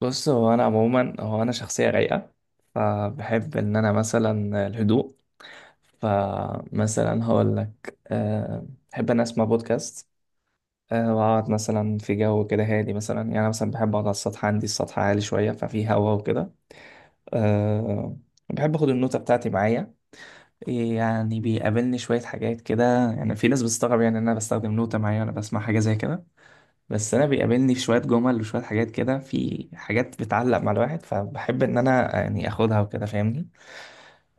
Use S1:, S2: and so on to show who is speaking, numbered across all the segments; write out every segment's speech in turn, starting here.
S1: بص، هو انا عموما هو انا شخصيه رايقه، فبحب ان انا مثلا الهدوء. فمثلا هقول لك بحب ان اسمع بودكاست. واقعد مثلا في جو كده هادي، مثلا يعني انا مثلا بحب اقعد على السطح، عندي السطح عالي شويه ففي هوا وكده. أه بحب اخد النوتة بتاعتي معايا، يعني بيقابلني شويه حاجات كده. يعني في ناس بتستغرب يعني ان انا بستخدم نوتة معايا وانا بسمع حاجه زي كده، بس انا بيقابلني في شويه جمل وشويه حاجات كده، في حاجات بتعلق مع الواحد فبحب ان انا يعني اخدها وكده، فاهمني؟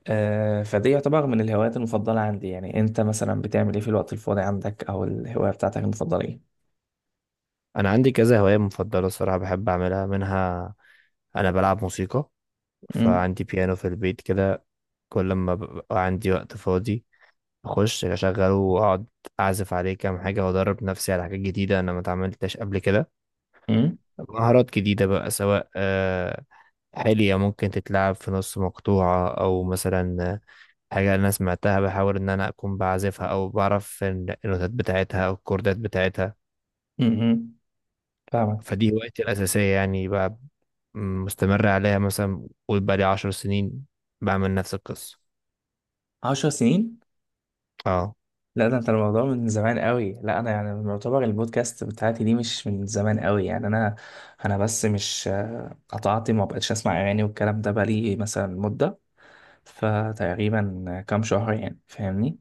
S1: فدي يعتبر من الهوايات المفضله عندي. يعني انت مثلا بتعمل ايه في الوقت الفاضي عندك؟ او الهوايه بتاعتك المفضله ايه؟
S2: انا عندي كذا هوايه مفضله الصراحه بحب اعملها منها. انا بلعب موسيقى.
S1: امم.
S2: فعندي بيانو في البيت كده. كل ما ببقى عندي وقت فاضي اخش اشغله واقعد اعزف عليه كام حاجه وادرب نفسي على حاجات جديده انا ما اتعاملتش قبل كده.
S1: امم.
S2: مهارات جديده بقى سواء حلية ممكن تتلعب في نص مقطوعه او مثلا حاجه انا سمعتها بحاول ان انا اكون بعزفها او بعرف النوتات بتاعتها او الكوردات بتاعتها.
S1: امم. فاهمك.
S2: فدي هوايتي الاساسيه يعني بقى. مستمر عليها مثلا قول بقالي 10 سنين بعمل نفس القصة.
S1: 10 سنين؟
S2: اه.
S1: لا ده انت الموضوع من زمان قوي. لا انا يعني معتبر البودكاست بتاعتي دي مش من زمان قوي يعني انا بس مش قطعت، ما بقتش اسمع اغاني والكلام ده بقالي مثلا مده، فتقريبا كام شهر يعني، فاهمني؟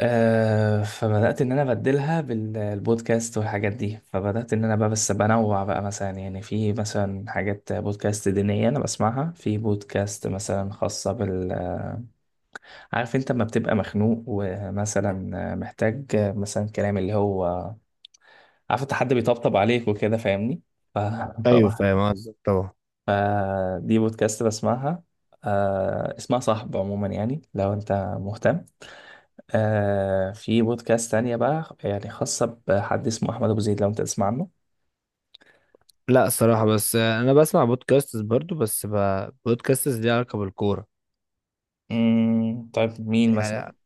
S1: فبدأت إن أنا أبدلها بالبودكاست والحاجات دي، فبدأت إن أنا بقى بس بنوع بقى، مثلا يعني في مثلا حاجات بودكاست دينية أنا بسمعها، في بودكاست مثلا خاصة بال عارف أنت لما بتبقى مخنوق، ومثلا محتاج مثلا كلام اللي هو عارف أنت حد بيطبطب عليك وكده، فاهمني؟ ف...
S2: ايوه
S1: فواحد
S2: فاهم قصدك طبعا.
S1: فدي بودكاست بسمعها، اسمها صاحب. عموما، يعني لو أنت مهتم، في بودكاست تانية بقى، يعني خاصة بحد اسمه أحمد أبو زيد، لو أنت تسمع عنه.
S2: لا الصراحة بس انا بسمع بودكاستس برضو بس بودكاستس ليها علاقة بالكورة.
S1: مم. طيب مين مثلا؟
S2: يعني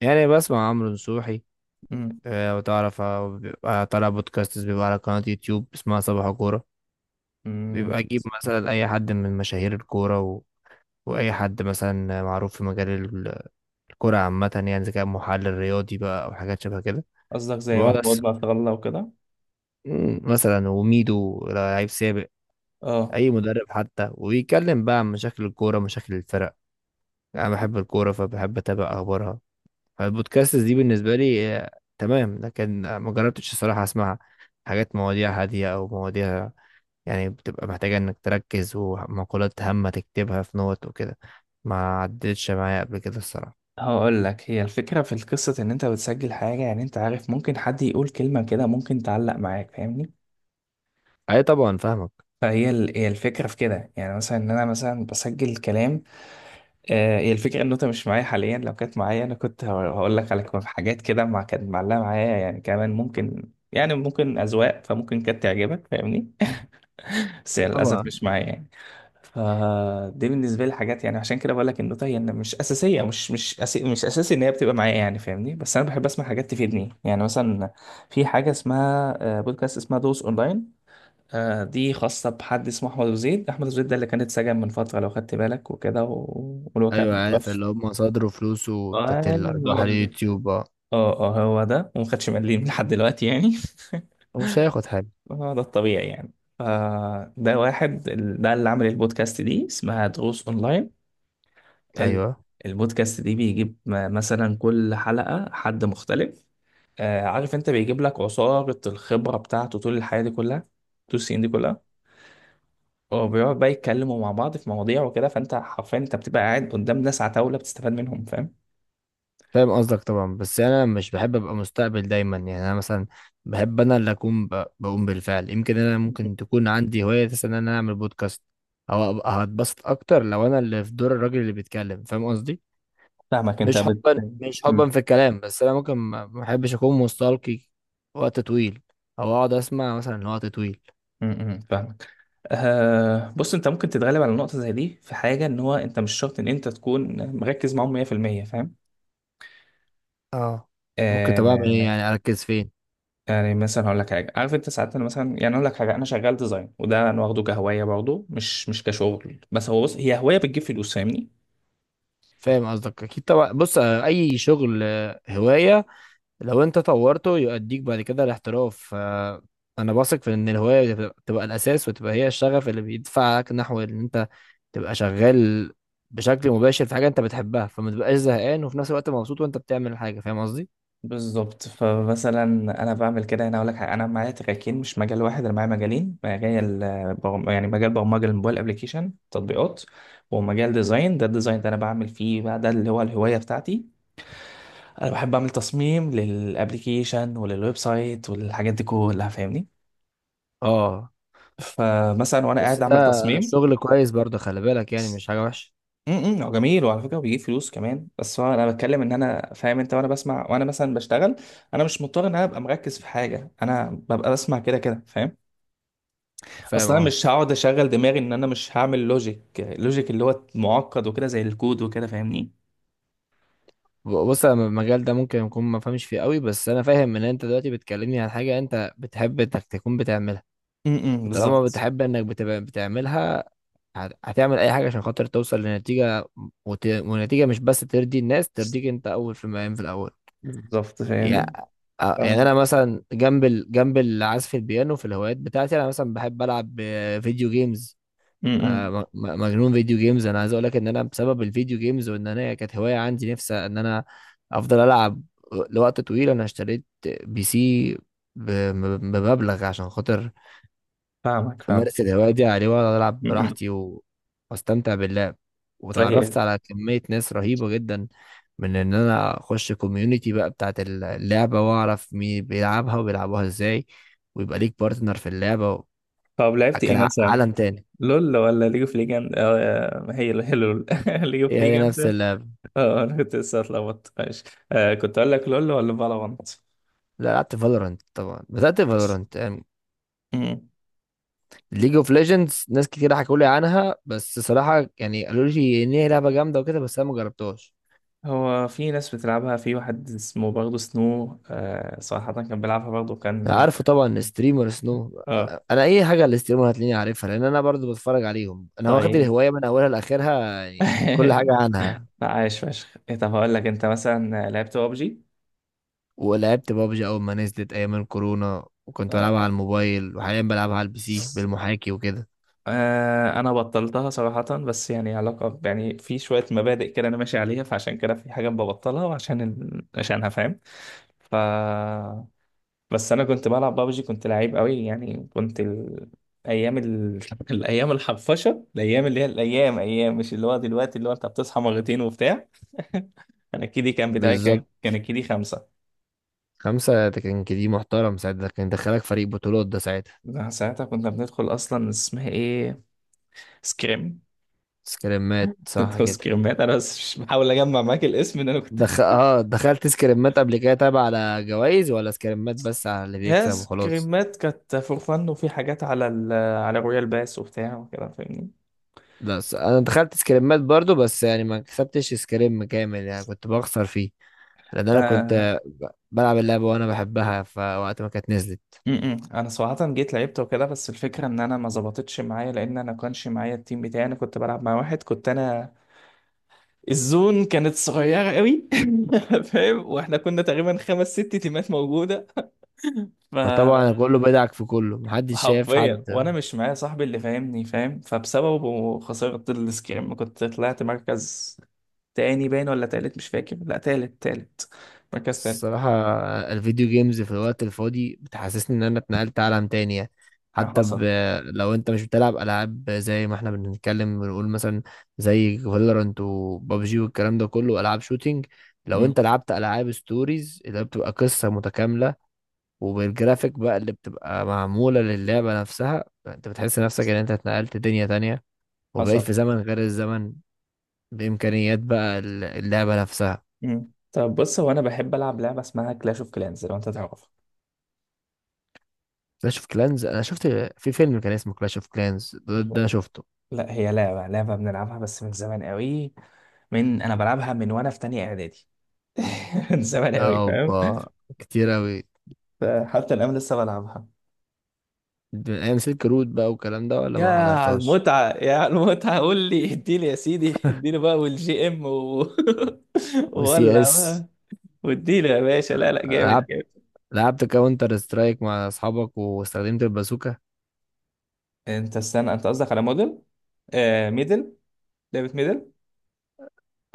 S2: بسمع عمرو نصوحي.
S1: مم.
S2: وتعرف بيبقى طالع بودكاستس بيبقى على قناة يوتيوب اسمها صباح كورة.
S1: مم.
S2: بيبقى اجيب مثلا اي حد من مشاهير الكورة واي حد مثلا معروف في مجال الكورة عامة يعني اذا كان محلل رياضي بقى او حاجات شبه كده.
S1: قصدك زي
S2: بقعد
S1: محمود ما الله وكده؟
S2: مثلا وميدو لعيب سابق.
S1: اه.
S2: اي مدرب حتى ويتكلم بقى عن مشاكل الكوره مشاكل الفرق. انا بحب الكوره فبحب اتابع اخبارها. فالبودكاست دي بالنسبه لي تمام، لكن ما جربتش الصراحه اسمع حاجات مواضيع هاديه او مواضيع يعني بتبقى محتاجه انك تركز ومقولات هامه تكتبها في نوت وكده. ما عدتش معايا قبل كده الصراحه.
S1: هقول لك، هي الفكرة في القصة إن أنت بتسجل حاجة، يعني أنت عارف ممكن حد يقول كلمة كده ممكن تعلق معاك، فاهمني؟
S2: اي طبعا فاهمك.
S1: هي الفكرة في كده، يعني مثلا إن أنا مثلا بسجل كلام. هي الفكرة إن النوتة مش معايا حاليا، لو كانت معايا أنا كنت هقول لك على حاجات كده، مع كانت معلقة معايا يعني، كمان ممكن يعني ممكن أذواق فممكن كانت تعجبك، فاهمني؟ بس
S2: آه،
S1: هي للأسف
S2: طبعا.
S1: مش معايا يعني. فدي بالنسبة لي حاجات، يعني عشان كده بقول لك النوتة هي إن مش أساسية، مش أساسي إن هي بتبقى معايا يعني، فاهمني؟ بس أنا بحب أسمع حاجات تفيدني يعني. مثلا في حاجة اسمها بودكاست اسمها دوس أونلاين. دي خاصة بحد اسمه أحمد أبو زيد. أحمد أبو زيد ده اللي كان اتسجن من فترة لو خدت بالك وكده واللي هو كان.
S2: ايوه عارف اللي هم صدروا فلوسه بتاعت
S1: ايوه
S2: الارباح
S1: هو ده.
S2: اليوتيوب
S1: اه اه هو ده، وما خدش مليم لحد دلوقتي يعني.
S2: ومش هياخد حاجه.
S1: هو ده الطبيعي يعني. ده واحد ده اللي عمل البودكاست دي اسمها دروس اونلاين. ال-
S2: ايوه
S1: البودكاست دي بيجيب مثلا كل حلقة حد مختلف. عارف انت، بيجيب لك عصارة الخبرة بتاعته طول الحياة دي كلها، طول السنين دي كلها. هو بيقعد بقى يتكلموا مع بعض في مواضيع وكده، فانت حرفيا انت بتبقى قاعد قدام ناس عتاولة بتستفاد منهم، فاهم؟
S2: فاهم قصدك طبعا. بس انا مش بحب ابقى مستقبل دايما يعني انا مثلا بحب انا اللي اكون بقوم بالفعل. يمكن انا ممكن تكون عندي هوايه مثلا ان انا اعمل بودكاست او أبقى هتبسط اكتر لو انا اللي في دور الراجل اللي بيتكلم فاهم قصدي.
S1: فاهمك. انت
S2: مش
S1: بت
S2: حبا مش
S1: م-
S2: حبا في الكلام، بس انا ممكن ما بحبش اكون مستلقي وقت طويل او اقعد اسمع مثلا وقت طويل.
S1: م- م، فاهمك. بص انت ممكن تتغلب على نقطة زي دي في حاجة، ان هو انت مش شرط ان انت تكون مركز معاهم 100%، فاهم؟
S2: اه. ممكن طب اعمل ايه
S1: آه
S2: يعني اركز فين؟
S1: يعني مثلا هقول لك حاجة، عارف انت ساعات، انا مثلا يعني اقول لك حاجة، انا شغال ديزاين، وده انا واخده كهواية برضه، مش كشغل، بس هو بص هي هواية بتجيب فلوس، فاهمني؟
S2: فاهم قصدك اكيد طبعا. بص اي شغل هوايه لو انت طورته يؤديك بعد كده الاحتراف فانا بثق في ان الهوايه بتبقى الاساس وتبقى هي الشغف اللي بيدفعك نحو ان انت تبقى شغال بشكل مباشر في حاجه انت بتحبها فما تبقاش زهقان وفي نفس الوقت مبسوط وانت بتعمل الحاجه فاهم قصدي.
S1: بالظبط. فمثلا انا بعمل كده. انا اقول لك حاجة، انا معايا تراكين مش مجال واحد، انا معايا مجالين، مجال يعني مجال برمجة الموبايل ابلكيشن تطبيقات، ومجال ديزاين. ده الديزاين ده انا بعمل فيه بقى، ده اللي هو الهواية بتاعتي. انا بحب اعمل تصميم للابليكيشن وللويب سايت وللحاجات دي كلها، فاهمني؟
S2: اه
S1: فمثلا وانا
S2: بس
S1: قاعد
S2: ده
S1: اعمل تصميم.
S2: شغل كويس برضه، خلي بالك يعني مش حاجه وحشه.
S1: امم. هو جميل وعلى فكره بيجيب فلوس كمان، بس هو انا بتكلم ان انا فاهم انت، وانا بسمع وانا مثلا بشتغل، انا مش مضطر ان انا ابقى مركز في حاجه، انا ببقى بسمع كده كده، فاهم؟ اصلا
S2: فاهم
S1: انا
S2: قصدي.
S1: مش هقعد اشغل دماغي ان انا مش هعمل لوجيك. لوجيك اللي هو معقد وكده زي الكود وكده، فاهمني؟
S2: بص انا المجال ده ممكن يكون ما فهمش فيه قوي بس انا فاهم ان انت دلوقتي بتكلمني عن حاجه انت بتحب انك تكون بتعملها.
S1: امم.
S2: وطالما
S1: بالظبط.
S2: بتحب انك بتبقى بتعملها هتعمل اي حاجه عشان خاطر توصل لنتيجه ونتيجه مش بس ترضي الناس، ترضيك انت اول في المقام في الاول.
S1: بالظبط،
S2: يا-
S1: فاهمني. ف-
S2: يعني انا مثلا جنب جنب العزف البيانو في الهوايات بتاعتي انا مثلا بحب العب فيديو جيمز.
S1: امم.
S2: مجنون فيديو جيمز. انا عايز اقول لك ان انا بسبب الفيديو جيمز وان انا كانت هوايه عندي نفسي ان انا افضل العب لوقت طويل انا اشتريت بي سي بمبلغ عشان خاطر
S1: فاهمك. فاهم.
S2: امارس الهوايه دي على الهواء، واقعد العب
S1: امم.
S2: براحتي واستمتع باللعب وتعرفت
S1: صحيح.
S2: على كميه ناس رهيبه جدا من ان انا اخش كوميونتي بقى بتاعت اللعبه واعرف مين بيلعبها وبيلعبوها ازاي ويبقى ليك بارتنر في اللعبه.
S1: طب لعبت ايه
S2: كان
S1: مثلا؟
S2: عالم تاني.
S1: لول ولا ليج اوف ليجند؟ اه ما هي هي لول. ليج اوف
S2: ايه، هي نفس
S1: ليجند.
S2: اللعبه.
S1: اه انا كنت لسه اتلخبطت، ماشي. كنت اقول لك لول ولا فالورانت.
S2: لا لعبت فالورنت طبعا، بدات فالورنت.
S1: مم.
S2: ليج اوف ليجندز ناس كتير حكوا لي عنها بس صراحه يعني قالوا لي ان هي لعبه جامده وكده بس انا ما جربتهاش.
S1: هو في ناس بتلعبها، في واحد اسمه برضه سنو، صراحة كان بيلعبها برضه، كان.
S2: عارفه طبعا ستريمر سنو.
S1: اه.
S2: انا اي حاجه على الستريمر هتلاقيني عارفها لان انا برضو بتفرج عليهم، انا واخد
S1: طيب.
S2: الهوايه من اولها لاخرها يعني كل حاجه عنها.
S1: لا عايش فشخ. إيه، طب هقول لك، انت مثلا لعبت ببجي؟
S2: ولعبت بابجي اول ما نزلت ايام الكورونا وكنت بلعبها على الموبايل وحاليا بلعبها على البي سي بالمحاكي وكده.
S1: انا بطلتها صراحة، بس يعني علاقة يعني في شوية مبادئ كده انا ماشي عليها، فعشان كده في حاجات ببطلها وعشان عشانها، فاهم؟ ف، بس انا كنت بلعب بابجي كنت لعيب قوي يعني. كنت ايام الايام الحفشة، الايام اللي هي الايام، ايام مش اللي هو دلوقتي، اللي هو انت بتصحى مرتين وبتاع. انا الكيدي كان بتاعي، كان
S2: بالظبط.
S1: كان الكيدي 5.
S2: خمسة ده كان كده محترم ساعتها، ده كان دخلك فريق بطولات ده ساعتها.
S1: ده ساعتها كنا بندخل، اصلا اسمها ايه، سكريم.
S2: سكريمات صح
S1: ندخل
S2: كده؟
S1: سكريمات. انا بس مش بحاول اجمع معاك الاسم، ان انا كنت،
S2: اه دخلت سكريمات قبل كده تابع على جوائز ولا سكريمات بس على اللي بيكسب
S1: ناس
S2: وخلاص.
S1: كريمات كانت فور فن، وفي حاجات على ال على رويال باس وبتاع وكده، فاهمني؟
S2: لا انا دخلت سكريمات برضو بس يعني ما كسبتش سكريم كامل يعني كنت بخسر فيه لان انا
S1: آه.
S2: كنت بلعب اللعبه وانا بحبها فوقت ما كانت نزلت.
S1: م-م. انا صراحة جيت لعبت وكده، بس الفكرة ان انا ما ظبطتش معايا، لان انا كانش معايا التيم بتاعي، انا كنت بلعب مع واحد كنت انا، الزون كانت صغيرة قوي. فاهم، واحنا كنا تقريبا خمس ست تيمات موجودة.
S2: فطبعا
S1: ف
S2: كله بدعك في كله محدش شايف
S1: حرفيا،
S2: حد.
S1: وانا مش معايا صاحبي اللي فاهمني، فاهم؟ فبسببه خسرت السكريم، كنت طلعت مركز تاني، باين ولا تالت، مش فاكر، لا تالت، تالت، مركز تالت.
S2: الصراحه الفيديو جيمز في الوقت الفاضي بتحسسني ان انا اتنقلت عالم تاني يعني. حتى ب...
S1: حصل.
S2: لو انت مش بتلعب العاب زي ما احنا بنتكلم بنقول مثلا زي فالورانت وبابجي والكلام ده كله العاب شوتينج، لو
S1: مم.
S2: انت لعبت العاب ستوريز اللي هي بتبقى قصه متكامله وبالجرافيك بقى اللي بتبقى معمولة للعبة نفسها انت بتحس نفسك ان انت اتنقلت دنيا تانية وبقيت
S1: حصل.
S2: في زمن غير الزمن بإمكانيات بقى اللعبة نفسها.
S1: مم. طب بص، هو انا بحب العب لعبه اسمها كلاش اوف كلانز، لو انت تعرفها.
S2: كلاش اوف كلانز انا شفت في فيلم كان اسمه كلاش اوف كلانز ده,
S1: لا.
S2: ده شفته.
S1: لا هي لعبه، لعبه بنلعبها بس من زمان قوي، من انا بلعبها من وانا في تانية اعدادي. من زمان قوي، فاهم؟
S2: اوبا، كتير اوي.
S1: فحتى الان لسه بلعبها.
S2: ده ايام سلك رود بقى والكلام ده ولا
S1: يا
S2: ما
S1: على
S2: حضرتهاش.
S1: المتعة، يا على المتعة، قول لي اديني يا سيدي، اديني بقى والجي ام و...
S2: وسي
S1: ولا
S2: اس.
S1: بقى، واديله يا باشا، لا لا جامد
S2: لعبت
S1: جامد.
S2: لعبت كاونتر سترايك مع اصحابك واستخدمت البازوكا.
S1: انت استنى، انت قصدك على موديل؟ ميدل، لعبة ميدل.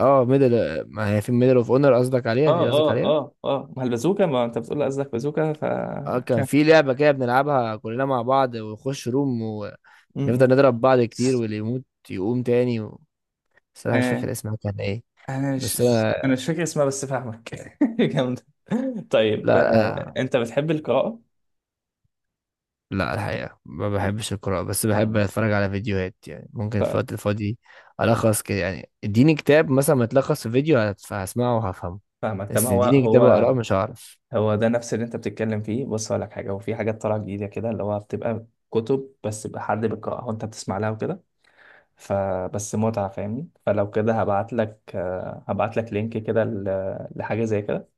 S2: اه ميدل، ما هي في ميدل اوف اونر، قصدك
S1: اه
S2: عليها دي قصدك
S1: اه
S2: عليها.
S1: اه اه، ما البازوكا، ما انت بتقول قصدك بازوكا، ف
S2: اه
S1: مش
S2: كان في
S1: عارف.
S2: لعبة كده بنلعبها كلنا مع بعض ونخش روم
S1: م-
S2: ونفضل
S1: م.
S2: نضرب بعض كتير واللي يموت يقوم تاني بس انا مش
S1: آه
S2: فاكر اسمها كان ايه.
S1: انا
S2: بس
S1: مش انا
S2: انا
S1: مش فاكر اسمها بس فاهمك. جامدة. طيب،
S2: لا
S1: انت بتحب القراءة؟
S2: لا الحقيقة ما بحبش القراءة بس بحب
S1: مم.
S2: اتفرج على فيديوهات يعني ممكن في
S1: ف-
S2: الوقت الفاضي الخص كده يعني اديني كتاب مثلا متلخص في فيديو هسمعه وهفهمه.
S1: فاهمك. طب
S2: بس
S1: هو،
S2: اديني كتاب اقراه
S1: هو
S2: مش هعرف.
S1: هو ده نفس اللي انت بتتكلم فيه. بص هقول لك حاجه، هو في حاجات طالعه جديده كده اللي هو بتبقى كتب، بس بقى حد بيقراها وانت بتسمع لها وكده، فبس متعه، فاهمني؟ فلو كده هبعت لك لينك كده لحاجه زي كده،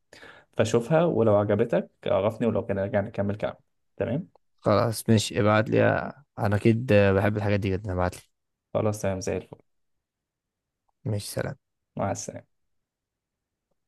S1: فشوفها ولو عجبتك عرفني، ولو كده نرجع نكمل كلام، تمام؟
S2: خلاص ماشي ابعت لي. انا اكيد بحب الحاجات دي جدا ابعت لي.
S1: خلاص، تمام زي الفل.
S2: ماشي سلام.
S1: مع السلامه.